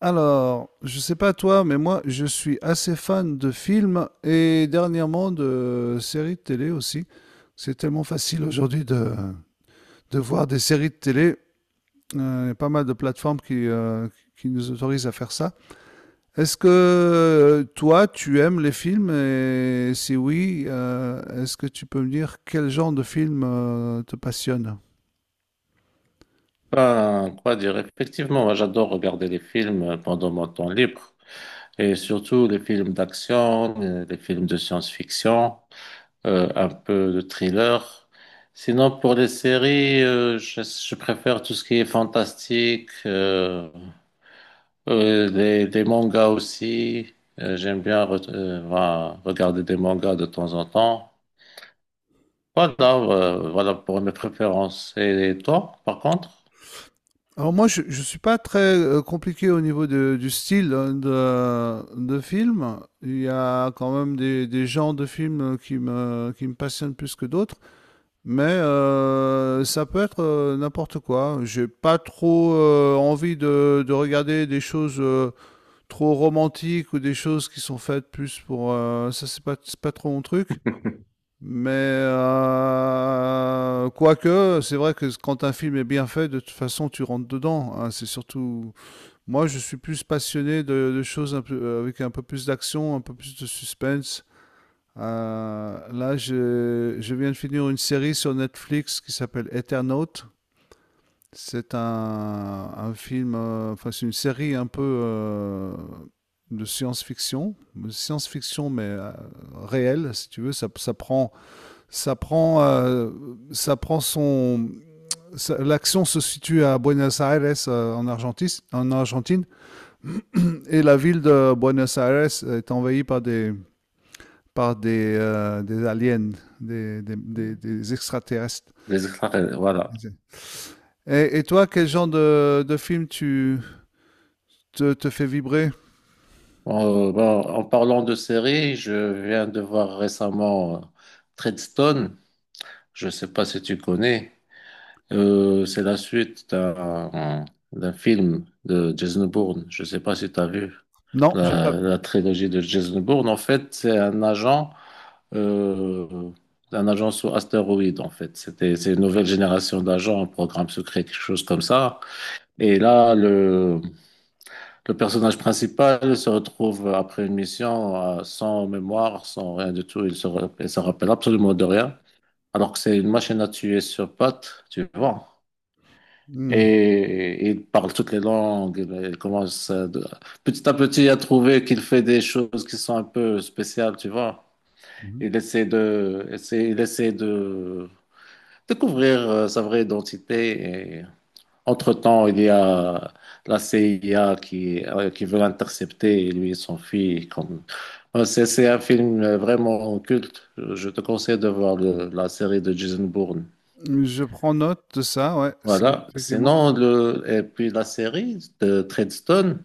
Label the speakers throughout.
Speaker 1: Alors, je sais pas toi, mais moi, je suis assez fan de films et dernièrement de séries de télé aussi. C'est tellement facile aujourd'hui de voir des séries de télé. Il y a pas mal de plateformes qui nous autorisent à faire ça. Est-ce que toi, tu aimes les films? Et si oui, est-ce que tu peux me dire quel genre de film te passionne?
Speaker 2: Ben, quoi dire? Effectivement, moi, j'adore regarder les films pendant mon temps libre et surtout les films d'action, les films de science-fiction, un peu de thriller. Sinon, pour les séries, je préfère tout ce qui est fantastique, les mangas aussi. J'aime bien voilà, regarder des mangas de temps en temps. Voilà, voilà pour mes préférences. Et toi, par contre,
Speaker 1: Alors moi, je ne suis pas très compliqué au niveau du style de film. Il y a quand même des genres de films qui me passionnent plus que d'autres. Mais ça peut être n'importe quoi. J'ai pas trop envie de regarder des choses trop romantiques ou des choses qui sont faites plus pour... ça, c'est pas trop mon truc. Mais quoique, c'est vrai que quand un film est bien fait, de toute façon, tu rentres dedans, hein. C'est surtout. Moi, je suis plus passionné de choses un peu, avec un peu plus d'action, un peu plus de suspense. Là, je viens de finir une série sur Netflix qui s'appelle Eternaut. C'est un film, enfin, c'est une série un peu de science-fiction. De science-fiction, mais réelle, si tu veux. Ça prend ça prend, ça prend son. L'action se situe à Buenos Aires, en, en Argentine, et la ville de Buenos Aires est envahie par des des aliens, des extraterrestres.
Speaker 2: les extraterrestres, voilà.
Speaker 1: Et toi, quel genre de film tu te fait vibrer?
Speaker 2: Bon, en parlant de séries, je viens de voir récemment Treadstone. Je ne sais pas si tu connais. C'est la suite d'un film de Jason Bourne. Je ne sais pas si tu as vu
Speaker 1: Non, j'ai
Speaker 2: la,
Speaker 1: pas.
Speaker 2: la trilogie de Jason Bourne. En fait, c'est euh, un agent sous astéroïde. En fait, c'est une nouvelle génération d'agents, un programme secret, quelque chose comme ça. Et là, le personnage principal se retrouve après une mission sans mémoire, sans rien du tout. Il se rappelle absolument de rien. Alors que c'est une machine à tuer sur pattes, tu vois.
Speaker 1: Hmm.
Speaker 2: Et il parle toutes les langues. Il commence petit à petit à trouver qu'il fait des choses qui sont un peu spéciales, tu vois. Il essaie de découvrir sa vraie identité. Entre-temps, il y a la CIA qui veut l'intercepter, et lui et son fils. C'est un film vraiment culte. Je te conseille de voir la série de Jason Bourne.
Speaker 1: Je prends note de ça, ouais, c'est
Speaker 2: Voilà.
Speaker 1: effectivement.
Speaker 2: Sinon, et puis la série de Treadstone,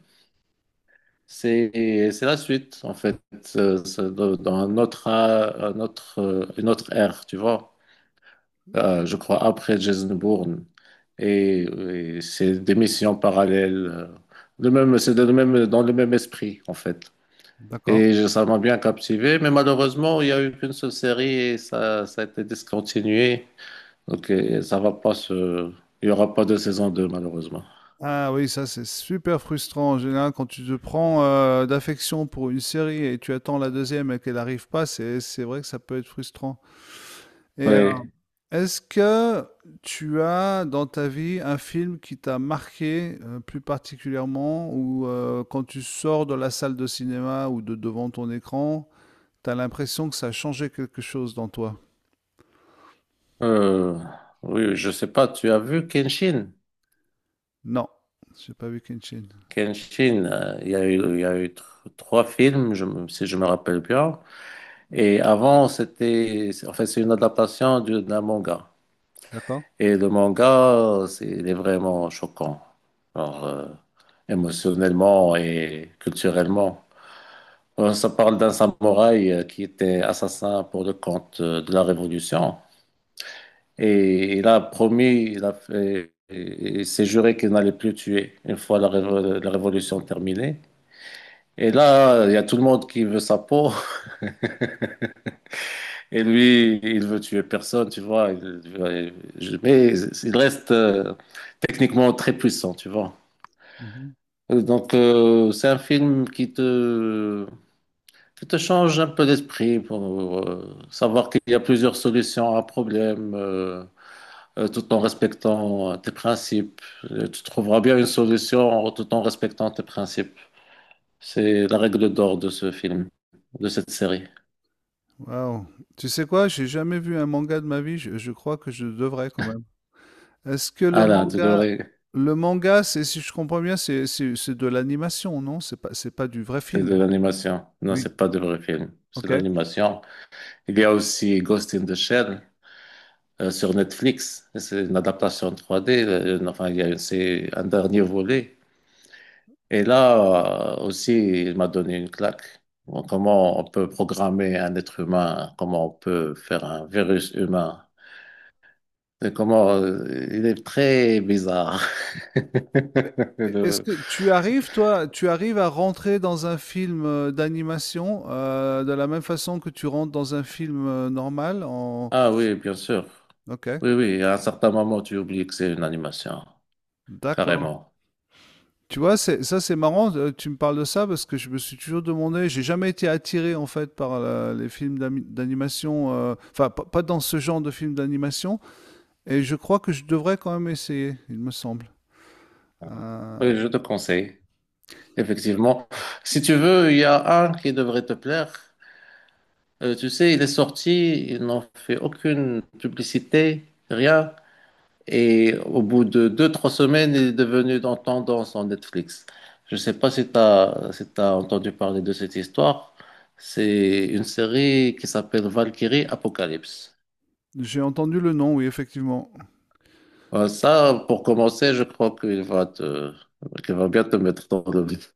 Speaker 2: c'est la suite, en fait. C'est dans un autre, une autre ère, tu vois. Je crois, après Jason Bourne. Et c'est des missions parallèles. Le même, même, dans le même esprit, en fait.
Speaker 1: D'accord.
Speaker 2: Et ça m'a bien captivé, mais malheureusement, il n'y a eu qu'une seule série et ça a été discontinué. Donc, ça va pas se... Il n'y aura pas de saison 2 malheureusement.
Speaker 1: Ah oui, ça c'est super frustrant en général quand tu te prends d'affection pour une série et tu attends la deuxième et qu'elle n'arrive pas, c'est vrai que ça peut être frustrant. Et euh,
Speaker 2: Oui.
Speaker 1: est-ce que tu as dans ta vie un film qui t'a marqué plus particulièrement ou quand tu sors de la salle de cinéma ou de devant ton écran, t'as l'impression que ça a changé quelque chose dans toi?
Speaker 2: Euh, oui, je sais pas, tu as vu Kenshin?
Speaker 1: Non, j'ai pas vu Kenshin.
Speaker 2: Kenshin, il y a eu, il y a eu tr- trois films, si je me rappelle bien. Et avant, en fait, c'est une adaptation d'un manga.
Speaker 1: D'accord.
Speaker 2: Et le manga, il est vraiment choquant. Alors, émotionnellement et culturellement. Ça parle d'un samouraï qui était assassin pour le compte de la Révolution. Et il a promis, il a fait, il s'est juré qu'il n'allait plus tuer une fois la Révolution terminée. Et là, il y a tout le monde qui veut sa peau. Et lui, il veut tuer personne, tu vois. Mais il reste techniquement très puissant, tu vois. Donc, c'est un film qui te change un peu d'esprit pour savoir qu'il y a plusieurs solutions à un problème, tout en respectant tes principes. Tu trouveras bien une solution tout en respectant tes principes. C'est la règle d'or de ce film, de cette série.
Speaker 1: Waouh. Tu sais quoi? J'ai jamais vu un manga de ma vie. Je crois que je devrais quand même. Est-ce que
Speaker 2: Ah
Speaker 1: le
Speaker 2: là, tu
Speaker 1: manga,
Speaker 2: devrais.
Speaker 1: Le manga, c'est, si je comprends bien, c'est de l'animation, non? C'est pas du vrai
Speaker 2: C'est de
Speaker 1: film.
Speaker 2: l'animation. Non,
Speaker 1: Oui.
Speaker 2: c'est pas de vrai film. C'est
Speaker 1: Ok.
Speaker 2: de l'animation. Il y a aussi Ghost in the Shell sur Netflix. C'est une adaptation 3D. Enfin, il y a une- c'est un dernier volet. Et là aussi, il m'a donné une claque. Bon, comment on peut programmer un être humain? Comment on peut faire un virus humain? Et comment il est très bizarre.
Speaker 1: Est-ce
Speaker 2: Le-
Speaker 1: que tu arrives, toi, tu arrives à rentrer dans un film d'animation de la même façon que tu rentres dans un film normal en...
Speaker 2: Ah oui, bien sûr.
Speaker 1: Ok.
Speaker 2: Oui, oui. À un certain moment, tu oublies que c'est une animation.
Speaker 1: D'accord.
Speaker 2: Carrément.
Speaker 1: Tu vois, ça c'est marrant, tu me parles de ça parce que je me suis toujours demandé, j'ai jamais été attiré en fait par les films d'animation, enfin pas dans ce genre de films d'animation, et je crois que je devrais quand même essayer, il me semble. Euh,
Speaker 2: Oui, je te conseille, effectivement. Si tu veux, il y a un qui devrait te plaire. Tu sais, il est sorti, ils n'ont fait aucune publicité, rien. Et au bout de 2, 3 semaines, il est devenu dans tendance en Netflix. Je ne sais pas si tu as, si tu entendu parler de cette histoire. C'est une série qui s'appelle Valkyrie Apocalypse.
Speaker 1: j'ai entendu le nom, oui, effectivement.
Speaker 2: Ça, pour commencer, je crois qu'il va bien te mettre dans le vif.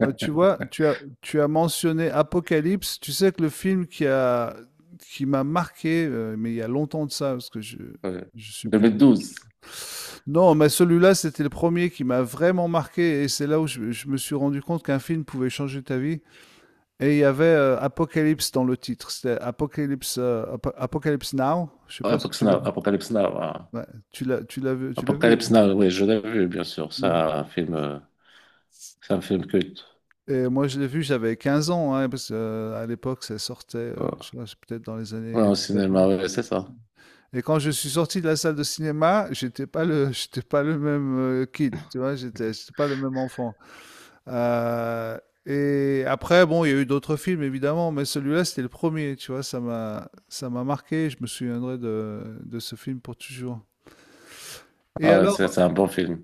Speaker 1: Bah, tu vois, tu as mentionné Apocalypse, tu sais que le film qui m'a marqué, mais il y a longtemps de ça,
Speaker 2: Euh,
Speaker 1: je suis plus...
Speaker 2: 2012,
Speaker 1: Non, mais celui-là, c'était le premier qui m'a vraiment marqué et c'est là où je me suis rendu compte qu'un film pouvait changer ta vie. Et il y avait Apocalypse dans le titre. C'était Apocalypse, Apocalypse Now. Je sais pas si
Speaker 2: Apocalypse
Speaker 1: tu l'as
Speaker 2: Now,
Speaker 1: vu.
Speaker 2: Apocalypse Now, hein.
Speaker 1: Ouais, tu l'as vu. Tu l'as vu.
Speaker 2: Apocalypse Now, oui, je l'ai vu, bien sûr. C'est
Speaker 1: Ouais.
Speaker 2: un film, euh, c'est un film culte.
Speaker 1: Et moi, je l'ai vu, j'avais 15 ans, hein, parce qu'à l'époque, ça sortait,
Speaker 2: Ouais,
Speaker 1: je sais pas, c'est peut-être dans les
Speaker 2: ouais,
Speaker 1: années
Speaker 2: au cinéma,
Speaker 1: 80.
Speaker 2: ouais, c'est ça.
Speaker 1: Et quand je suis sorti de la salle de cinéma, j'étais pas le, j'étais pas le même kid, tu vois, j'étais pas le même enfant. Heu et après bon, il y a eu d'autres films évidemment, mais celui-là, c'était le premier, tu vois? Ça m'a marqué, je me souviendrai de ce film pour toujours. Et
Speaker 2: Ah, ouais, c'est
Speaker 1: alors
Speaker 2: c'est un bon film.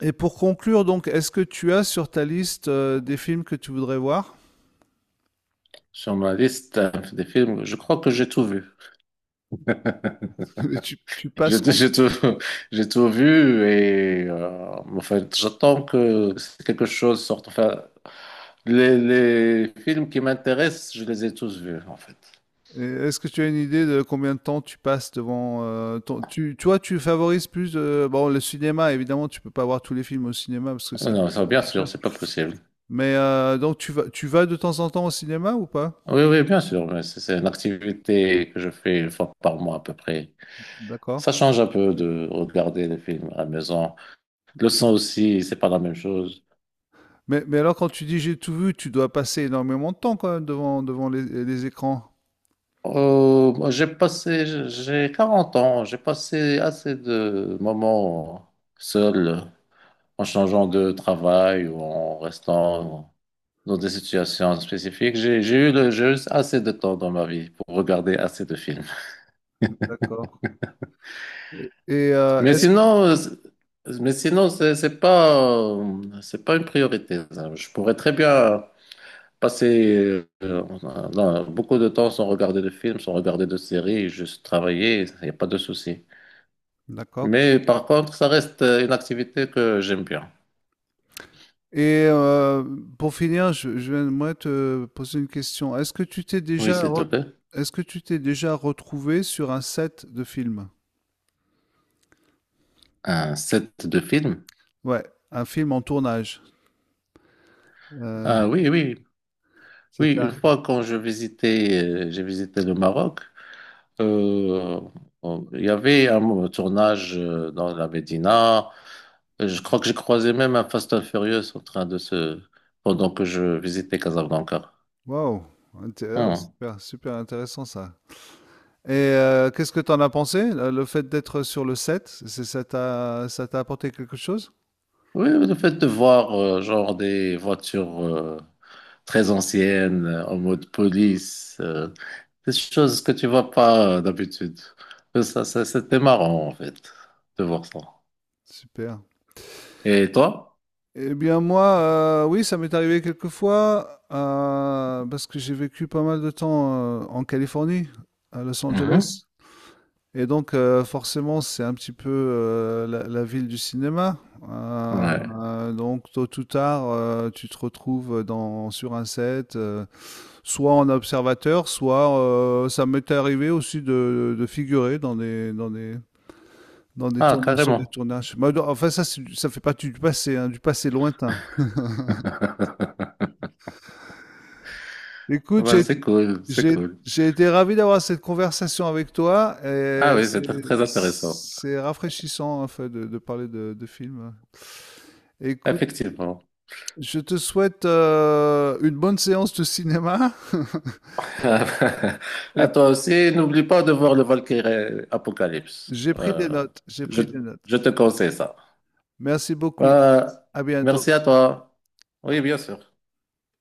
Speaker 1: et pour conclure donc, est-ce que tu as sur ta liste, des films que tu voudrais voir?
Speaker 2: Sur ma liste des films, je crois que j'ai tout vu.
Speaker 1: Tu passes com.
Speaker 2: J'ai tout, j'ai tout vu et en fait, j'attends que quelque chose sorte. Enfin, les films qui m'intéressent, je les ai tous vus en fait.
Speaker 1: Et est-ce que tu as une idée de combien de temps tu passes devant ton... tu, toi, tu favorises plus bon le cinéma, évidemment, tu peux pas voir tous les films au cinéma parce que
Speaker 2: Ah
Speaker 1: ça
Speaker 2: non, ça,
Speaker 1: coûte un
Speaker 2: bien
Speaker 1: peu cher.
Speaker 2: sûr, c'est pas possible.
Speaker 1: Mais donc tu vas de temps en temps au cinéma ou pas?
Speaker 2: Oui, oui, bien sûr, mais c'est une activité que je fais une fois par mois à peu près.
Speaker 1: D'accord.
Speaker 2: Ça change un peu de regarder les films à la maison. Le son aussi, c'est pas la même chose.
Speaker 1: Mais alors quand tu dis j'ai tout vu, tu dois passer énormément de temps quand même devant devant les écrans.
Speaker 2: Moi, j'ai 40 ans, j'ai passé assez de moments seul en changeant de travail ou en restant dans des situations spécifiques. J'ai eu assez de temps dans ma vie pour regarder assez de films.
Speaker 1: D'accord. Et
Speaker 2: Mais
Speaker 1: est-ce
Speaker 2: sinon, euh, c'est- mais sinon, c'est pas une priorité, ça. Je pourrais très bien passer beaucoup de temps sans regarder de films, sans regarder de séries, juste travailler, il n'y a pas de souci.
Speaker 1: d'accord.
Speaker 2: Mais par contre, ça reste une activité que j'aime bien.
Speaker 1: Et pour finir, je vais moi te poser une question.
Speaker 2: Oui, s'il te plaît.
Speaker 1: Est-ce que tu t'es déjà retrouvé sur un set de film?
Speaker 2: Un set de films.
Speaker 1: Ouais, un film en tournage, heu,
Speaker 2: Ah oui, oui.
Speaker 1: ça
Speaker 2: Oui,
Speaker 1: t'est
Speaker 2: une
Speaker 1: arrivé.
Speaker 2: fois quand je visitais, j'ai visité le Maroc, euh, il y avait un tournage dans la Médina. Je crois que j'ai croisé même un Fast and Furious en train de se... pendant que je visitais Casablanca.
Speaker 1: Waouh! Inté oh
Speaker 2: Hmm.
Speaker 1: super, super intéressant ça. Et qu'est-ce que tu en as pensé? Le fait d'être sur le set, c'est ça t'a apporté quelque chose?
Speaker 2: Oui, le fait de voir genre des voitures très anciennes en mode police, des choses que tu vois pas d'habitude. Ça, ça, c'était marrant en fait de voir ça.
Speaker 1: Super.
Speaker 2: Et toi?
Speaker 1: Eh bien moi, oui, ça m'est arrivé quelques fois, parce que j'ai vécu pas mal de temps, en Californie, à Los Angeles et donc forcément, c'est un petit peu, heu, la ville du cinéma,
Speaker 2: Ouais.
Speaker 1: donc tôt ou tard, tu te retrouves, dans sur un set, soit en observateur, soit, ça m'est arrivé aussi de figurer dans des
Speaker 2: Ah,
Speaker 1: tournages sur des
Speaker 2: carrément.
Speaker 1: tournages. Bah, enfin ça, c'est du ça fait partie du passé, hein, du passé lointain. Écoute,
Speaker 2: Bah,
Speaker 1: j'ai,
Speaker 2: c'est
Speaker 1: Donc,
Speaker 2: cool, c'est
Speaker 1: j'ai-
Speaker 2: cool.
Speaker 1: j'ai été ravi d'avoir cette conversation avec toi
Speaker 2: Ah
Speaker 1: et
Speaker 2: oui, c'est très, très intéressant.
Speaker 1: c'est rafraîchissant en fait de parler de films. Écoute,
Speaker 2: Effectivement.
Speaker 1: je te souhaite une bonne séance de cinéma
Speaker 2: À
Speaker 1: et
Speaker 2: toi aussi, n'oublie pas de voir le Valkyrie Apocalypse.
Speaker 1: j'ai pris des
Speaker 2: Euh,
Speaker 1: notes, j'ai
Speaker 2: je,
Speaker 1: pris des notes.
Speaker 2: je te conseille ça.
Speaker 1: Merci beaucoup.
Speaker 2: Euh,
Speaker 1: À bientôt.
Speaker 2: merci à toi. Oui, bien sûr.